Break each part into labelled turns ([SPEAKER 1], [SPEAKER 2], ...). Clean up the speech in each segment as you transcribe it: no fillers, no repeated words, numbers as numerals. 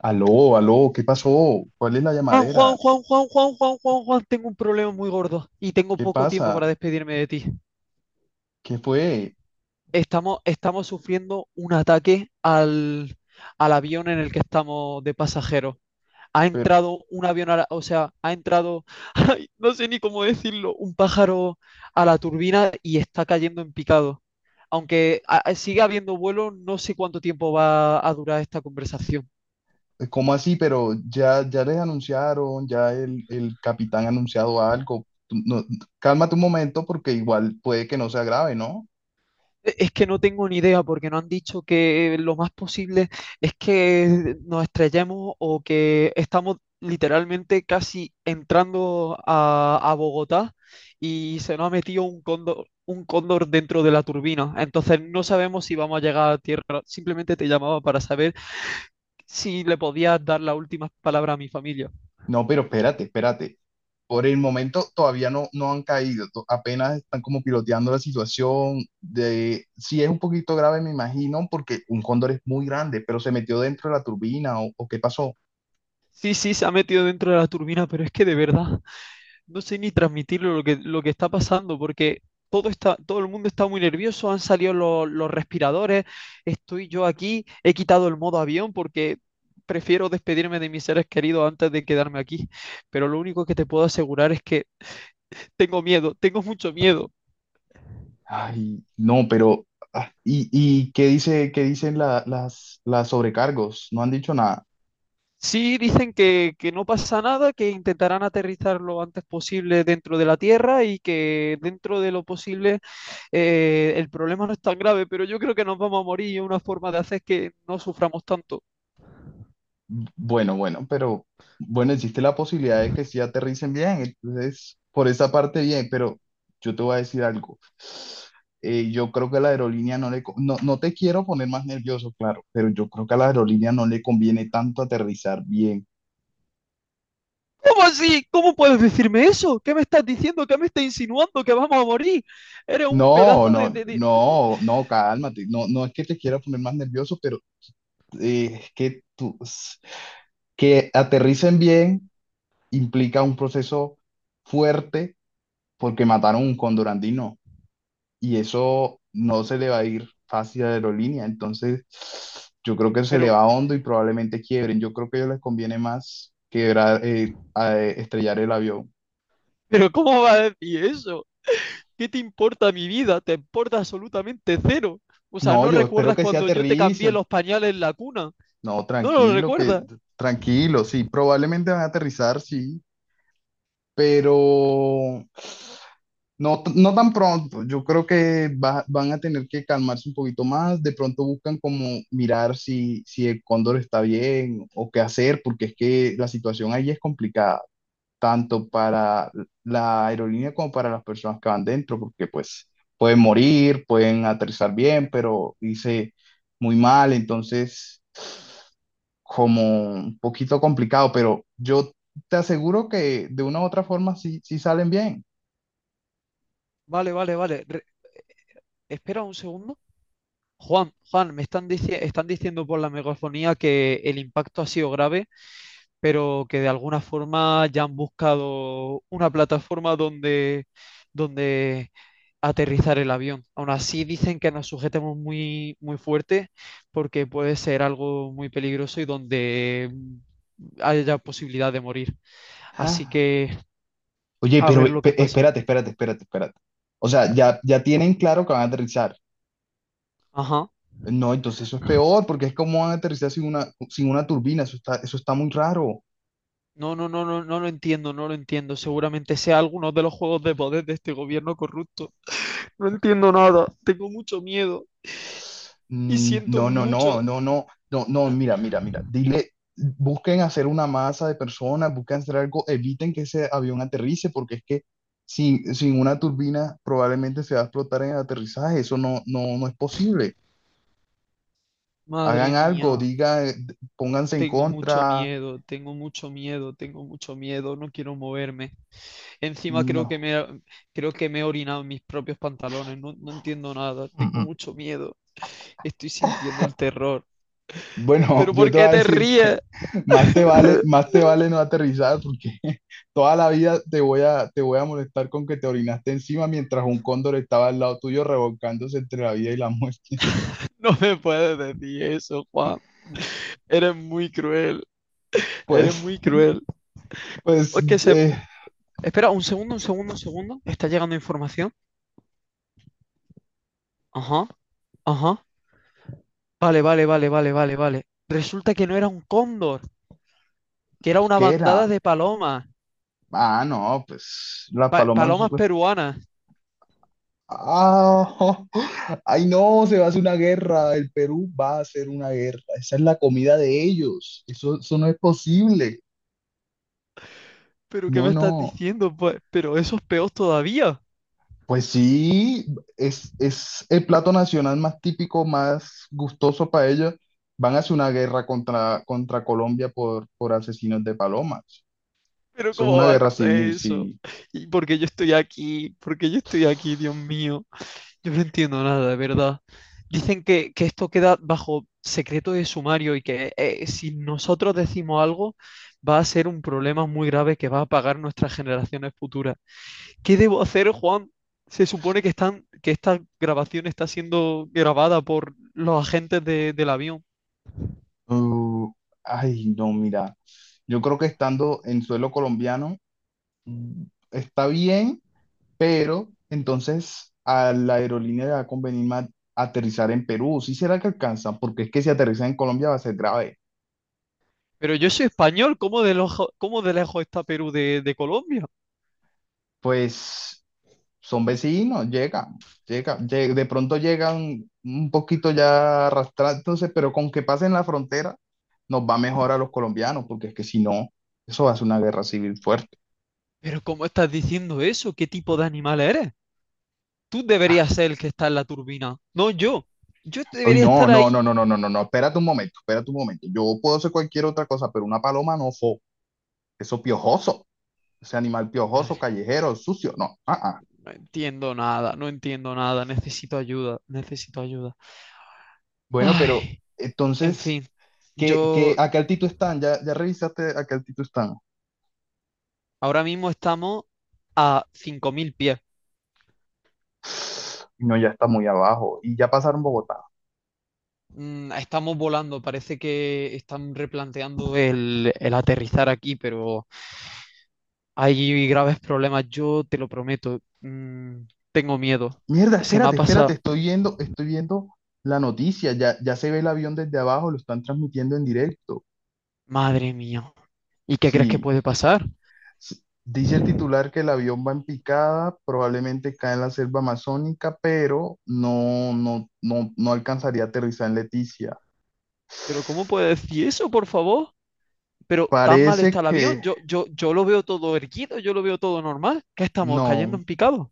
[SPEAKER 1] Aló, aló, ¿qué pasó? ¿Cuál es la
[SPEAKER 2] Juan, Juan,
[SPEAKER 1] llamadera?
[SPEAKER 2] Juan, Juan, Juan, Juan, Juan, Juan, tengo un problema muy gordo y tengo
[SPEAKER 1] ¿Qué
[SPEAKER 2] poco tiempo para
[SPEAKER 1] pasa?
[SPEAKER 2] despedirme de ti.
[SPEAKER 1] ¿Qué fue?
[SPEAKER 2] Estamos sufriendo un ataque al avión en el que estamos de pasajeros. Ha
[SPEAKER 1] Pero,
[SPEAKER 2] entrado un avión, a la- o sea, ha entrado, ay, no sé ni cómo decirlo, un pájaro a la turbina y está cayendo en picado. Aunque siga habiendo vuelo, no sé cuánto tiempo va a durar esta conversación.
[SPEAKER 1] ¿cómo así? Pero ya, ya les anunciaron, ya el capitán ha anunciado algo. No, cálmate un momento porque igual puede que no sea grave, ¿no?
[SPEAKER 2] Es que no tengo ni idea porque no han dicho que lo más posible es que nos estrellemos o que estamos literalmente casi entrando a Bogotá y se nos ha metido un cóndor dentro de la turbina. Entonces no sabemos si vamos a llegar a tierra. Simplemente te llamaba para saber si le podías dar las últimas palabras a mi familia.
[SPEAKER 1] No, pero espérate, espérate. Por el momento todavía no han caído, apenas están como piloteando la situación de si es un poquito grave, me imagino, porque un cóndor es muy grande, pero se metió dentro de la turbina o qué pasó.
[SPEAKER 2] Sí, sí, se ha metido dentro de la turbina, pero es que de verdad, no sé ni transmitirlo lo que está pasando, porque todo el mundo está muy nervioso, han salido los respiradores, estoy yo aquí, he quitado el modo avión porque prefiero despedirme de mis seres queridos antes de quedarme aquí, pero lo único que te puedo asegurar es que tengo miedo, tengo mucho miedo.
[SPEAKER 1] Ay, no, pero ah, ¿y qué dice, qué dicen las sobrecargos? No han dicho nada.
[SPEAKER 2] Sí, dicen que no pasa nada, que intentarán aterrizar lo antes posible dentro de la Tierra y que dentro de lo posible el problema no es tan grave, pero yo creo que nos vamos a morir y una forma de hacer es que no suframos tanto.
[SPEAKER 1] Bueno, bueno, pero bueno, existe la posibilidad de que sí aterricen bien, entonces por esa parte bien, pero yo te voy a decir algo. Yo creo que a la aerolínea no le, no, no te quiero poner más nervioso, claro, pero yo creo que a la aerolínea no le conviene tanto aterrizar bien.
[SPEAKER 2] ¿Cómo así? ¿Cómo puedes decirme eso? ¿Qué me estás diciendo? ¿Qué me estás insinuando? ¿Que vamos a morir? Eres un
[SPEAKER 1] No,
[SPEAKER 2] pedazo de...
[SPEAKER 1] no, no, no, cálmate. No, no es que te quiera poner más nervioso, pero es que tú, que aterricen bien implica un proceso fuerte porque mataron un cóndor andino y eso no se le va a ir fácil a la aerolínea. Entonces, yo creo que se le
[SPEAKER 2] Pero,
[SPEAKER 1] va hondo y probablemente quiebren. Yo creo que a ellos les conviene más quebrar, estrellar el avión.
[SPEAKER 2] pero ¿cómo vas a decir eso? ¿Qué te importa mi vida? Te importa absolutamente cero. O sea,
[SPEAKER 1] No,
[SPEAKER 2] ¿no
[SPEAKER 1] yo espero
[SPEAKER 2] recuerdas
[SPEAKER 1] que sí
[SPEAKER 2] cuando yo te cambié
[SPEAKER 1] aterricen.
[SPEAKER 2] los pañales en la cuna?
[SPEAKER 1] No,
[SPEAKER 2] No lo
[SPEAKER 1] tranquilo, que
[SPEAKER 2] recuerda.
[SPEAKER 1] tranquilo, sí, probablemente van a aterrizar, sí. Pero no, no tan pronto. Yo creo que van a tener que calmarse un poquito más. De pronto buscan como mirar si, si el cóndor está bien o qué hacer, porque es que la situación ahí es complicada, tanto para la aerolínea como para las personas que van dentro, porque pues pueden morir, pueden aterrizar bien, pero hice muy mal. Entonces, como un poquito complicado, pero yo te aseguro que de una u otra forma sí, sí salen bien.
[SPEAKER 2] Vale, vale, vale. Espera un segundo. Juan, Juan, están diciendo por la megafonía que el impacto ha sido grave, pero que de alguna forma ya han buscado una plataforma donde aterrizar el avión. Aún así dicen que nos sujetemos muy, muy fuerte porque puede ser algo muy peligroso y donde haya posibilidad de morir. Así
[SPEAKER 1] Ah,
[SPEAKER 2] que
[SPEAKER 1] oye,
[SPEAKER 2] a
[SPEAKER 1] pero
[SPEAKER 2] ver lo que pasa.
[SPEAKER 1] espérate, espérate, espérate, espérate. O sea, ya, ya tienen claro que van a aterrizar.
[SPEAKER 2] Ajá.
[SPEAKER 1] No, entonces eso es peor, porque es como van a aterrizar sin una, sin una turbina, eso está muy raro.
[SPEAKER 2] No, no, no, no, no lo entiendo, no lo entiendo. Seguramente sea alguno de los juegos de poder de este gobierno corrupto. No entiendo nada, tengo mucho miedo y siento
[SPEAKER 1] No, no, no,
[SPEAKER 2] mucho.
[SPEAKER 1] no, no, no, no, mira, mira, mira, dile, busquen hacer una masa de personas, busquen hacer algo, eviten que ese avión aterrice, porque es que sin, sin una turbina probablemente se va a explotar en el aterrizaje, eso no, no, no es posible. Hagan
[SPEAKER 2] Madre
[SPEAKER 1] algo,
[SPEAKER 2] mía,
[SPEAKER 1] digan, pónganse en
[SPEAKER 2] tengo mucho
[SPEAKER 1] contra,
[SPEAKER 2] miedo, tengo mucho miedo, tengo mucho miedo, no quiero moverme. Encima
[SPEAKER 1] no.
[SPEAKER 2] creo que me he orinado en mis propios pantalones, no, no entiendo nada, tengo mucho miedo, estoy sintiendo el terror.
[SPEAKER 1] Bueno,
[SPEAKER 2] ¿Pero
[SPEAKER 1] yo
[SPEAKER 2] por
[SPEAKER 1] te voy
[SPEAKER 2] qué
[SPEAKER 1] a
[SPEAKER 2] te
[SPEAKER 1] decir
[SPEAKER 2] ríes?
[SPEAKER 1] que más te vale no aterrizar porque toda la vida te voy a molestar con que te orinaste encima mientras un cóndor estaba al lado tuyo revolcándose entre la vida y la muerte.
[SPEAKER 2] No me puedes decir eso, Juan. Eres muy cruel, eres
[SPEAKER 1] Pues,
[SPEAKER 2] muy cruel.
[SPEAKER 1] pues,
[SPEAKER 2] Es que se...
[SPEAKER 1] eh,
[SPEAKER 2] Espera, un segundo, un segundo, un segundo. Está llegando información. Ajá, ajá. Vale, vale, vale, vale, vale, vale. Resulta que no era un cóndor, que era una
[SPEAKER 1] ¿qué
[SPEAKER 2] bandada
[SPEAKER 1] era?
[SPEAKER 2] de palomas.
[SPEAKER 1] Ah, no, pues las palomas.
[SPEAKER 2] Palomas peruanas.
[SPEAKER 1] Ah, ay no, se va a hacer una guerra. El Perú va a hacer una guerra. Esa es la comida de ellos. Eso no es posible.
[SPEAKER 2] ¿Pero qué
[SPEAKER 1] No,
[SPEAKER 2] me estás
[SPEAKER 1] no.
[SPEAKER 2] diciendo? Pues, pero eso es peor todavía.
[SPEAKER 1] Pues sí, es el plato nacional más típico, más gustoso para ellos. Van a hacer una guerra contra, contra Colombia por asesinos de palomas.
[SPEAKER 2] ¿Pero
[SPEAKER 1] Eso es
[SPEAKER 2] cómo
[SPEAKER 1] una
[SPEAKER 2] va a
[SPEAKER 1] guerra
[SPEAKER 2] ser
[SPEAKER 1] civil,
[SPEAKER 2] eso?
[SPEAKER 1] sí.
[SPEAKER 2] ¿Y por qué yo estoy aquí? ¿Por qué yo estoy aquí, Dios mío? Yo no entiendo nada, de verdad. Dicen que esto queda bajo secreto de sumario y que si nosotros decimos algo va a ser un problema muy grave que va a pagar nuestras generaciones futuras. ¿Qué debo hacer, Juan? Se supone que que esta grabación está siendo grabada por los agentes del avión.
[SPEAKER 1] Uh, ay, no, mira. Yo creo que estando en suelo colombiano mm, está bien, pero entonces a la aerolínea le va a convenir más aterrizar en Perú. ¿Sí será que alcanza? Porque es que si aterriza en Colombia va a ser grave.
[SPEAKER 2] Pero yo soy español, cómo de lejos está Perú de Colombia?
[SPEAKER 1] Pues son vecinos, llegan, llegan, de pronto llegan un poquito ya arrastrándose, pero con que pasen la frontera nos va mejor a los colombianos, porque es que si no, eso va a ser una guerra civil fuerte.
[SPEAKER 2] Pero ¿cómo estás diciendo eso? ¿Qué tipo de animal eres? Tú
[SPEAKER 1] Ah,
[SPEAKER 2] deberías ser el que está en la turbina, no yo. Yo
[SPEAKER 1] uy,
[SPEAKER 2] debería
[SPEAKER 1] no,
[SPEAKER 2] estar
[SPEAKER 1] no, no,
[SPEAKER 2] ahí.
[SPEAKER 1] no, no, no, no, no, espérate un momento, espérate un momento. Yo puedo hacer cualquier otra cosa, pero una paloma no fo, eso piojoso, ese animal piojoso,
[SPEAKER 2] Madre,
[SPEAKER 1] callejero, sucio, no, ah, ah.
[SPEAKER 2] no entiendo nada, no entiendo nada. Necesito ayuda, necesito ayuda.
[SPEAKER 1] Bueno, pero
[SPEAKER 2] Ay, en
[SPEAKER 1] entonces,
[SPEAKER 2] fin,
[SPEAKER 1] ¿qué, qué,
[SPEAKER 2] yo
[SPEAKER 1] a qué altitud están? ¿Ya, ya revisaste a qué altitud están?
[SPEAKER 2] ahora mismo estamos a 5.000 pies.
[SPEAKER 1] No, ya está muy abajo. Y ya pasaron Bogotá.
[SPEAKER 2] Mm, estamos volando, parece que están replanteando el aterrizar aquí, pero hay graves problemas, yo te lo prometo. Tengo miedo.
[SPEAKER 1] Mierda,
[SPEAKER 2] Se me ha
[SPEAKER 1] espérate, espérate,
[SPEAKER 2] pasado.
[SPEAKER 1] estoy viendo la noticia. Ya, ya se ve el avión desde abajo, lo están transmitiendo en directo.
[SPEAKER 2] Madre mía. ¿Y qué crees que
[SPEAKER 1] Sí,
[SPEAKER 2] puede pasar?
[SPEAKER 1] sí. Dice el titular que el avión va en picada, probablemente cae en la selva amazónica, pero no, no, no, no alcanzaría a aterrizar en Leticia.
[SPEAKER 2] Pero ¿cómo puede decir eso, por favor? Pero tan mal está
[SPEAKER 1] Parece
[SPEAKER 2] el avión,
[SPEAKER 1] que
[SPEAKER 2] yo lo veo todo erguido, yo lo veo todo normal. ¿Qué estamos cayendo
[SPEAKER 1] no,
[SPEAKER 2] en picado?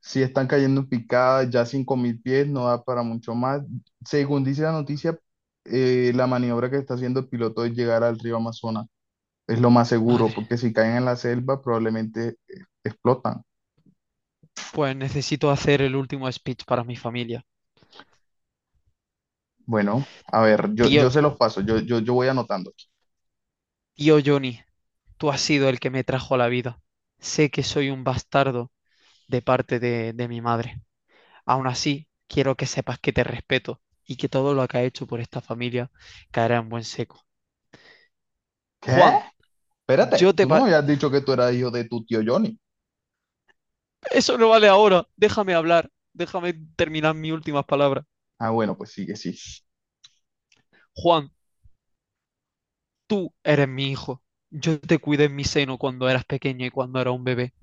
[SPEAKER 1] si están cayendo en picada, ya 5000 pies, no da para mucho más. Según dice la noticia, la maniobra que está haciendo el piloto es llegar al río Amazonas. Es lo más seguro,
[SPEAKER 2] Madre,
[SPEAKER 1] porque si caen en la selva probablemente explotan.
[SPEAKER 2] pues necesito hacer el último speech para mi familia.
[SPEAKER 1] Bueno, a ver, yo,
[SPEAKER 2] Tío,
[SPEAKER 1] yo se los paso, yo voy anotando aquí.
[SPEAKER 2] tío Johnny, tú has sido el que me trajo a la vida. Sé que soy un bastardo de parte de mi madre. Aún así, quiero que sepas que te respeto y que todo lo que has hecho por esta familia caerá en buen seco.
[SPEAKER 1] ¿Qué?
[SPEAKER 2] Juan, yo
[SPEAKER 1] Espérate,
[SPEAKER 2] te,
[SPEAKER 1] tú no me habías dicho que tú eras hijo de tu tío Johnny.
[SPEAKER 2] Eso no vale ahora. Déjame hablar. Déjame terminar mis últimas palabras.
[SPEAKER 1] Ah, bueno, pues sigue, sí.
[SPEAKER 2] Juan, tú eres mi hijo. Yo te cuidé en mi seno cuando eras pequeño y cuando era un bebé.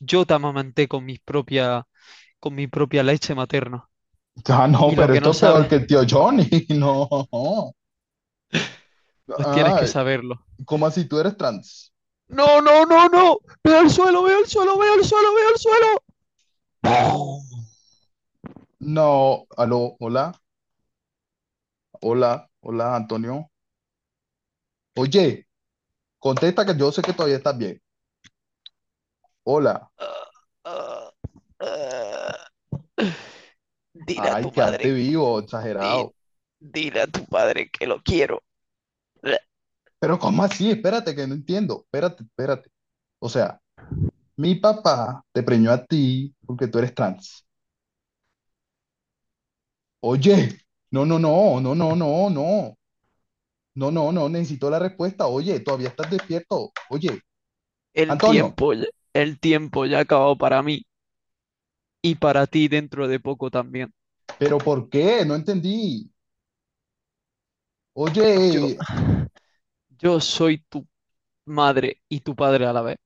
[SPEAKER 2] Yo te amamanté con mis propia, con mi propia leche materna.
[SPEAKER 1] Ah, no,
[SPEAKER 2] Y lo
[SPEAKER 1] pero
[SPEAKER 2] que
[SPEAKER 1] esto
[SPEAKER 2] no
[SPEAKER 1] es peor
[SPEAKER 2] sabes,
[SPEAKER 1] que el tío Johnny, no.
[SPEAKER 2] pues tienes que
[SPEAKER 1] Ah,
[SPEAKER 2] saberlo.
[SPEAKER 1] ¿cómo así tú eres trans?
[SPEAKER 2] No, no, no, no. Veo al suelo, veo al suelo, veo al suelo, veo al suelo. Ah,
[SPEAKER 1] No, aló, hola. Hola, hola Antonio. Oye, contesta que yo sé que todavía estás bien. Hola.
[SPEAKER 2] ah, ah. Dile a
[SPEAKER 1] Ay,
[SPEAKER 2] tu
[SPEAKER 1] quedaste
[SPEAKER 2] madre.
[SPEAKER 1] vivo,
[SPEAKER 2] di-
[SPEAKER 1] exagerado.
[SPEAKER 2] Dile a tu padre que lo quiero. Uh,
[SPEAKER 1] Pero ¿cómo así? Espérate, que no entiendo. Espérate, espérate. O sea, mi papá te preñó a ti porque tú eres trans. Oye, no, no, no, no, no, no, no. No, no, no, necesito la respuesta. Oye, todavía estás despierto. Oye,
[SPEAKER 2] El
[SPEAKER 1] Antonio,
[SPEAKER 2] tiempo, ya- el tiempo ya ha acabado para mí y para ti dentro de poco también.
[SPEAKER 1] pero ¿por qué? No entendí.
[SPEAKER 2] Yo,
[SPEAKER 1] Oye,
[SPEAKER 2] yo soy tu madre y tu padre a la vez,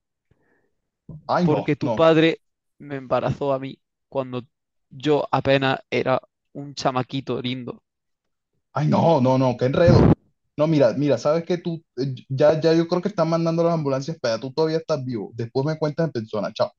[SPEAKER 1] ay, no,
[SPEAKER 2] porque tu
[SPEAKER 1] no.
[SPEAKER 2] padre me embarazó a mí cuando yo apenas era un chamaquito lindo.
[SPEAKER 1] Ay, no, no, no, qué enredo. No, mira, mira, sabes que tú, ya, ya yo creo que están mandando las ambulancias para tú todavía estás vivo. Después me cuentas en persona, chao.